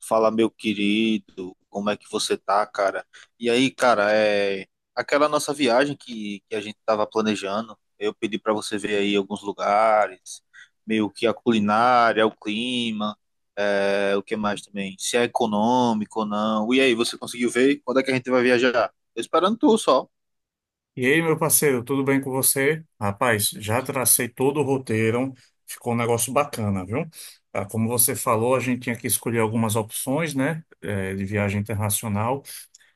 Fala, meu querido, como é que você tá, cara? E aí, cara, aquela nossa viagem que a gente tava planejando. Eu pedi pra você ver aí alguns lugares, meio que a culinária, o clima, o que mais também, se é econômico ou não. E aí, você conseguiu ver? Quando é que a gente vai viajar? Tô esperando tu só. E aí, meu parceiro, tudo bem com você? Rapaz, já tracei todo o roteiro, ficou um negócio bacana, viu? Ah, como você falou, a gente tinha que escolher algumas opções, né, de viagem internacional.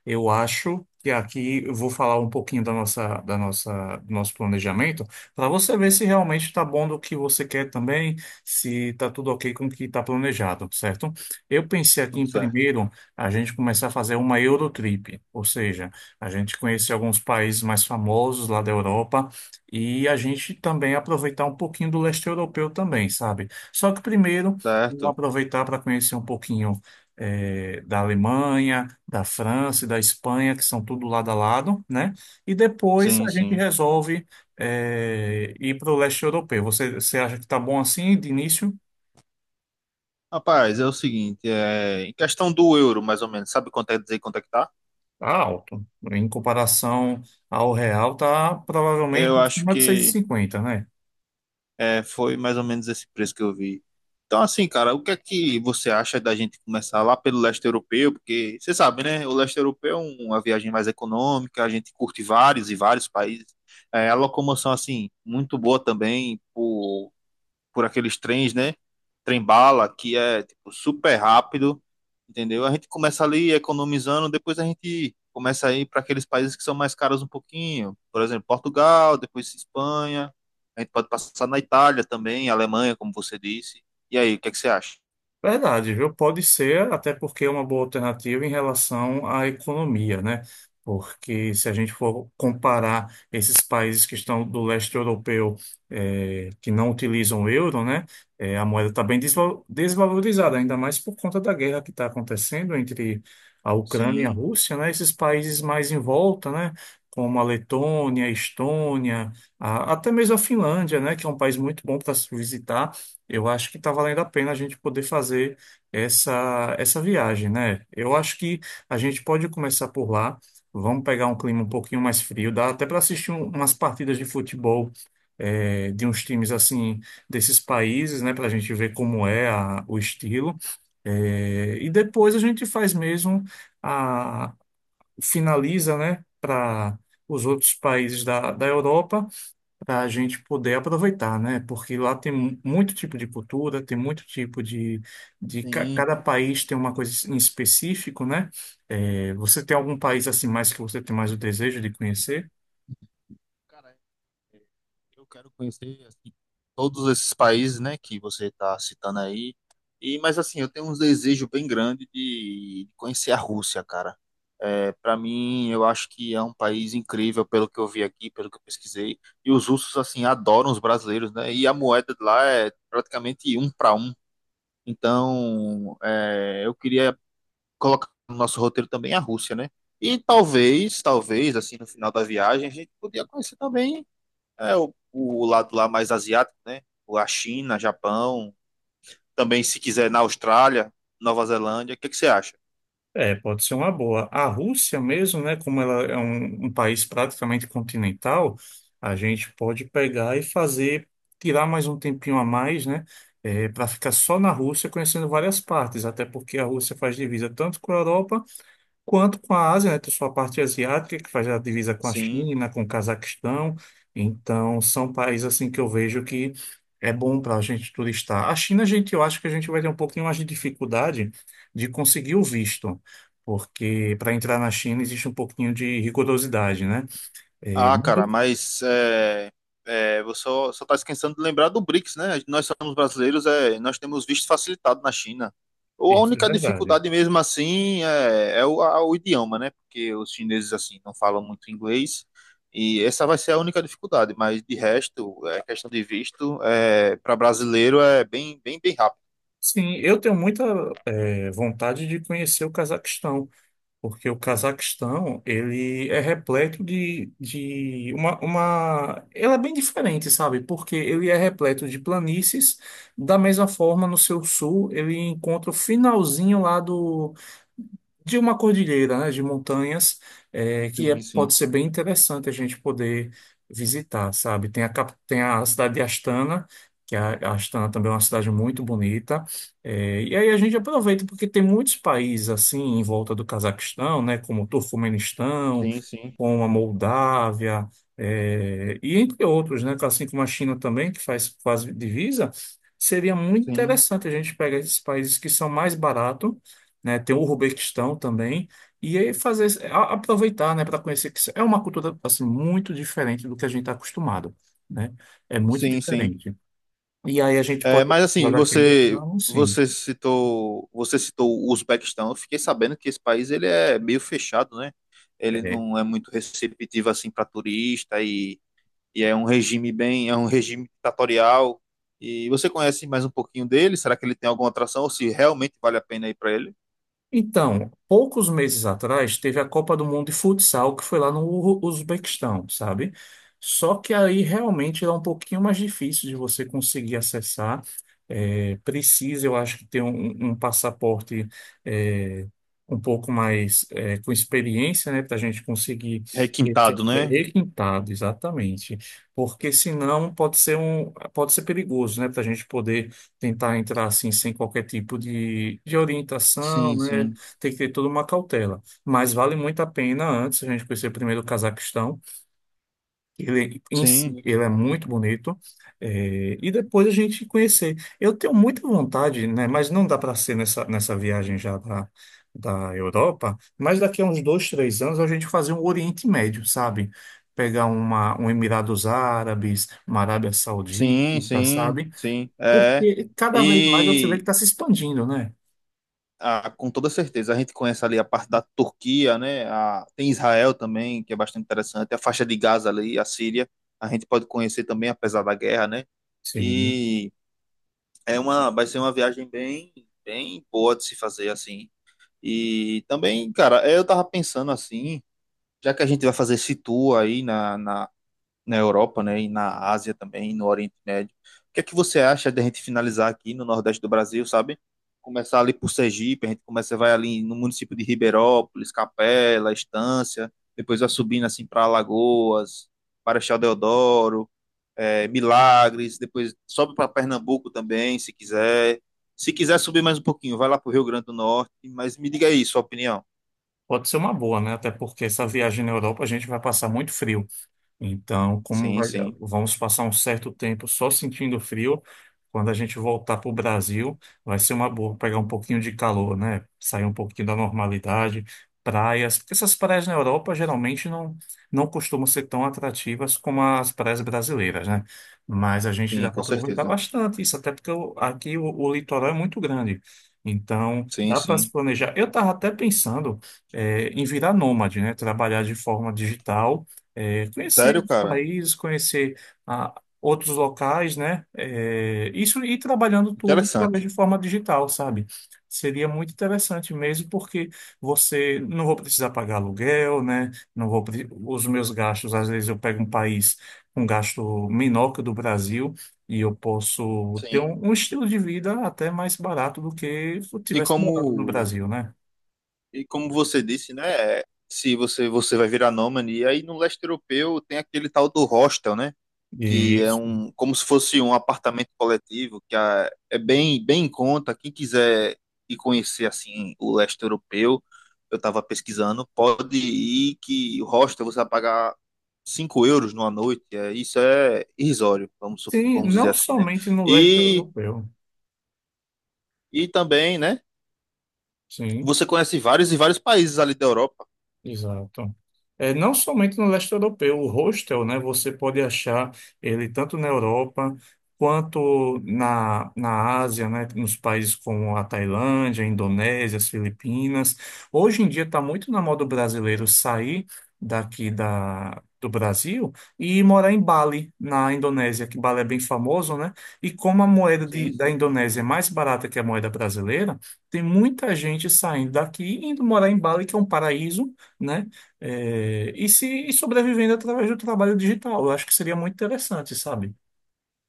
Eu acho que aqui eu vou falar um pouquinho da nossa, do nosso planejamento, para você ver se realmente está bom do que você quer também, se está tudo ok com o que está planejado, certo? Eu pensei aqui Tudo em certo. primeiro a gente começar a fazer uma Eurotrip, ou seja, a gente conhecer alguns países mais famosos lá da Europa e a gente também aproveitar um pouquinho do leste europeu também, sabe? Só que primeiro, vamos Certo? aproveitar para conhecer um pouquinho da Alemanha, da França e da Espanha, que são tudo lado a lado, né? E depois Sim, a gente sim. resolve ir para o leste europeu. Você acha que está bom assim de início? Rapaz, é o seguinte, em questão do euro, mais ou menos, sabe quanto é dizer quanto é que tá? Tá alto. Em comparação ao real, tá Eu provavelmente em acho cima de seis e que cinquenta, né? É, foi mais ou menos esse preço que eu vi. Então, assim, cara, o que é que você acha da gente começar lá pelo leste europeu? Porque você sabe, né? O leste europeu é uma viagem mais econômica, a gente curte vários e vários países. É, a locomoção, assim, muito boa também, por aqueles trens, né? Trem-bala, que é tipo, super rápido, entendeu? A gente começa ali economizando, depois a gente começa a ir para aqueles países que são mais caros um pouquinho. Por exemplo, Portugal, depois Espanha. A gente pode passar na Itália também, Alemanha, como você disse. E aí, o que é que você acha? Verdade, viu? Pode ser, até porque é uma boa alternativa em relação à economia, né? Porque se a gente for comparar esses países que estão do leste europeu, que não utilizam o euro, né? A moeda está bem desvalorizada, ainda mais por conta da guerra que está acontecendo entre a Ucrânia e a Sim, Rússia, né? Esses países mais em volta, né? Como a Letônia, a Estônia, até mesmo a Finlândia, né? Que é um país muito bom para se visitar. Eu acho que está valendo a pena a gente poder fazer essa viagem, né? Eu acho que a gente pode começar por lá. Vamos pegar um clima um pouquinho mais frio, dá até para assistir umas partidas de futebol de uns times assim desses países, né? Para a gente ver como é o estilo. E depois a gente faz mesmo a finaliza, né? Para os outros países da Europa para a gente poder aproveitar, né? Porque lá tem muito tipo de cultura, tem muito tipo sim. cada país tem uma coisa em específico, né? É, você tem algum país assim mais que você tem mais o desejo de conhecer? Cara, eu quero conhecer assim todos esses países, né, que você está citando aí. E mas assim, eu tenho um desejo bem grande de conhecer a Rússia, cara. É, para mim, eu acho que é um país incrível pelo que eu vi aqui, pelo que eu pesquisei. E os russos assim adoram os brasileiros, né? E a moeda de lá é praticamente um para um. Então, é, eu queria colocar no nosso roteiro também a Rússia, né? E talvez, assim, no final da viagem, a gente podia conhecer também o lado lá mais asiático, né? Ou a China, Japão, também se quiser, na Austrália, Nova Zelândia, o que que você acha? É, pode ser uma boa. A Rússia mesmo, né? Como ela é um país praticamente continental, a gente pode pegar e fazer, tirar mais um tempinho a mais, né? Para ficar só na Rússia, conhecendo várias partes, até porque a Rússia faz divisa tanto com a Europa quanto com a Ásia, né? Tem sua parte asiática, que faz a divisa com a Sim. China, com o Cazaquistão. Então, são países assim que eu vejo que é bom para a gente turistar. A China, gente, eu acho que a gente vai ter um pouquinho mais de dificuldade de conseguir o visto. Porque para entrar na China existe um pouquinho de rigorosidade, né? É, Ah, mas cara, você só tá esquecendo de lembrar do BRICS, né? Nós somos brasileiros, é, nós temos visto facilitado na China. Ou a isso é única verdade. dificuldade mesmo assim o idioma, né? Porque os chineses assim não falam muito inglês e essa vai ser a única dificuldade, mas de resto, é questão de visto, é, para brasileiro é bem rápido. Sim, eu tenho muita vontade de conhecer o Cazaquistão. Porque o Cazaquistão, ele é repleto. Ele é bem diferente, sabe? Porque ele é repleto de planícies. Da mesma forma, no seu sul, ele encontra o finalzinho lá de uma cordilheira, né, de montanhas, Sim, sim, pode ser bem interessante a gente poder visitar, sabe? Tem a cidade de Astana, que é a Astana também é uma cidade muito bonita, e aí a gente aproveita porque tem muitos países assim em volta do Cazaquistão, né, como o Turcomenistão, sim, sim, como a Moldávia, e entre outros, né, assim como a China também, que faz quase divisa, seria muito sim, interessante a gente pegar esses países que são mais baratos né? Tem o Uzbequistão também. E aí fazer, aproveitar, né, para conhecer que isso é uma cultura assim muito diferente do que a gente está acostumado, né? É muito sim, sim. diferente. E aí a gente É, pode mas assim, explorar aquele ramo, sim. Você citou o Uzbequistão. Eu fiquei sabendo que esse país, ele é meio fechado, né? Ele é, não é muito receptivo assim para turista, e é um regime é um regime ditatorial. E você conhece mais um pouquinho dele? Será que ele tem alguma atração ou se realmente vale a pena ir para ele? Então, poucos meses atrás, teve a Copa do Mundo de Futsal, que foi lá no Uzbequistão, sabe? Só que aí realmente é um pouquinho mais difícil de você conseguir acessar. É, precisa, eu acho, que ter um passaporte é, um pouco mais com experiência, né? Para a gente conseguir Requintado, né? requintado, exatamente. Porque senão pode ser perigoso, né? Para a gente poder tentar entrar assim sem qualquer tipo de orientação, Sim, né? sim, Tem que ter toda uma cautela. Mas vale muito a pena antes a gente conhecer primeiro o Cazaquistão. Ele em si, sim, ele é muito bonito. É, e depois a gente conhecer. Eu tenho muita vontade, né? Mas não dá para ser nessa viagem já da Europa. Mas daqui a uns 2, 3 anos a gente fazer um Oriente Médio, sabe? Pegar um Emirados Árabes, uma Arábia sim, Saudita, sim, sabe? sim. É. Porque cada vez mais você vê que E está se expandindo, né? Ah, com toda certeza. A gente conhece ali a parte da Turquia, né? A- tem Israel também, que é bastante interessante. A faixa de Gaza ali, a Síria, a gente pode conhecer também, apesar da guerra, né? Sim. E é uma, vai ser uma viagem bem boa de se fazer assim. E também, cara, eu tava pensando assim, já que a gente vai fazer esse tour aí na Europa, né, e na Ásia também, no Oriente Médio. O que é que você acha de a gente finalizar aqui no Nordeste do Brasil, sabe? Começar ali por Sergipe, a gente começa, vai ali no município de Ribeirópolis, Capela, Estância, depois vai subindo assim para Alagoas, Marechal Deodoro, Milagres, depois sobe para Pernambuco também, se quiser. Se quiser subir mais um pouquinho, vai lá para o Rio Grande do Norte, mas me diga aí sua opinião. Pode ser uma boa, né? Até porque essa viagem na Europa a gente vai passar muito frio. Então, Sim, sim, vamos passar um certo tempo só sentindo frio, quando a gente voltar para o Brasil, vai ser uma boa pegar um pouquinho de calor, né? Sair um pouquinho da normalidade, praias, porque essas praias na Europa geralmente não costumam ser tão atrativas como as praias brasileiras, né? Mas a gente dá sim, para com aproveitar certeza. bastante isso, até porque aqui o litoral é muito grande. Então, Sim, dá para se sim. planejar. Eu estava até pensando, em virar nômade, né? Trabalhar de forma digital conhecer Sério, os cara? países, conhecer ah, outros locais, né? É, isso e trabalhando tudo através Interessante. de forma digital, sabe? Seria muito interessante mesmo, porque você não vou precisar pagar aluguel, né? Não vou, pre- Os meus gastos, às vezes eu pego um país com um gasto menor que o do Brasil e eu posso ter Sim. um estilo de vida até mais barato do que se eu E tivesse como, morado no Brasil, né? e como você disse, né? É, se você vai virar nômade, e aí no leste europeu tem aquele tal do hostel, né? Que é Isso. um, como se fosse um apartamento coletivo, que é, é bem em conta. Quem quiser ir conhecer assim o leste europeu, eu estava pesquisando, pode ir que o hostel você vai pagar 5 euros numa noite. É, isso é irrisório, Sim, vamos dizer não assim, né? somente no leste E, europeu. e também, né? Sim. Você conhece vários e vários países ali da Europa. Exato. É, não somente no leste europeu, o hostel, né, você pode achar ele tanto na Europa quanto na Ásia, né, nos países como a Tailândia, a Indonésia, as Filipinas. Hoje em dia está muito na moda o brasileiro sair daqui do Brasil e morar em Bali, na Indonésia, que Bali é bem famoso, né? E como a moeda de, Sim, sim. da Indonésia é mais barata que a moeda brasileira, tem muita gente saindo daqui e indo morar em Bali, que é um paraíso né? É, e se e sobrevivendo através do trabalho digital. Eu acho que seria muito interessante, sabe?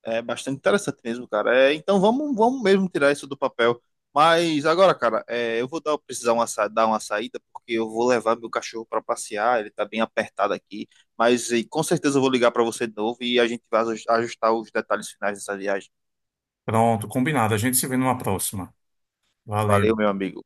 É bastante interessante mesmo, cara. É, então vamos mesmo tirar isso do papel. Mas agora, cara, é, eu vou dar, precisar uma, sa- dar uma saída, porque eu vou levar meu cachorro para passear, ele tá bem apertado aqui. Mas e, com certeza eu vou ligar para você de novo e a gente vai ajustar os detalhes finais dessa viagem. Pronto, combinado. A gente se vê numa próxima. Valeu, Valeu. meu amigo.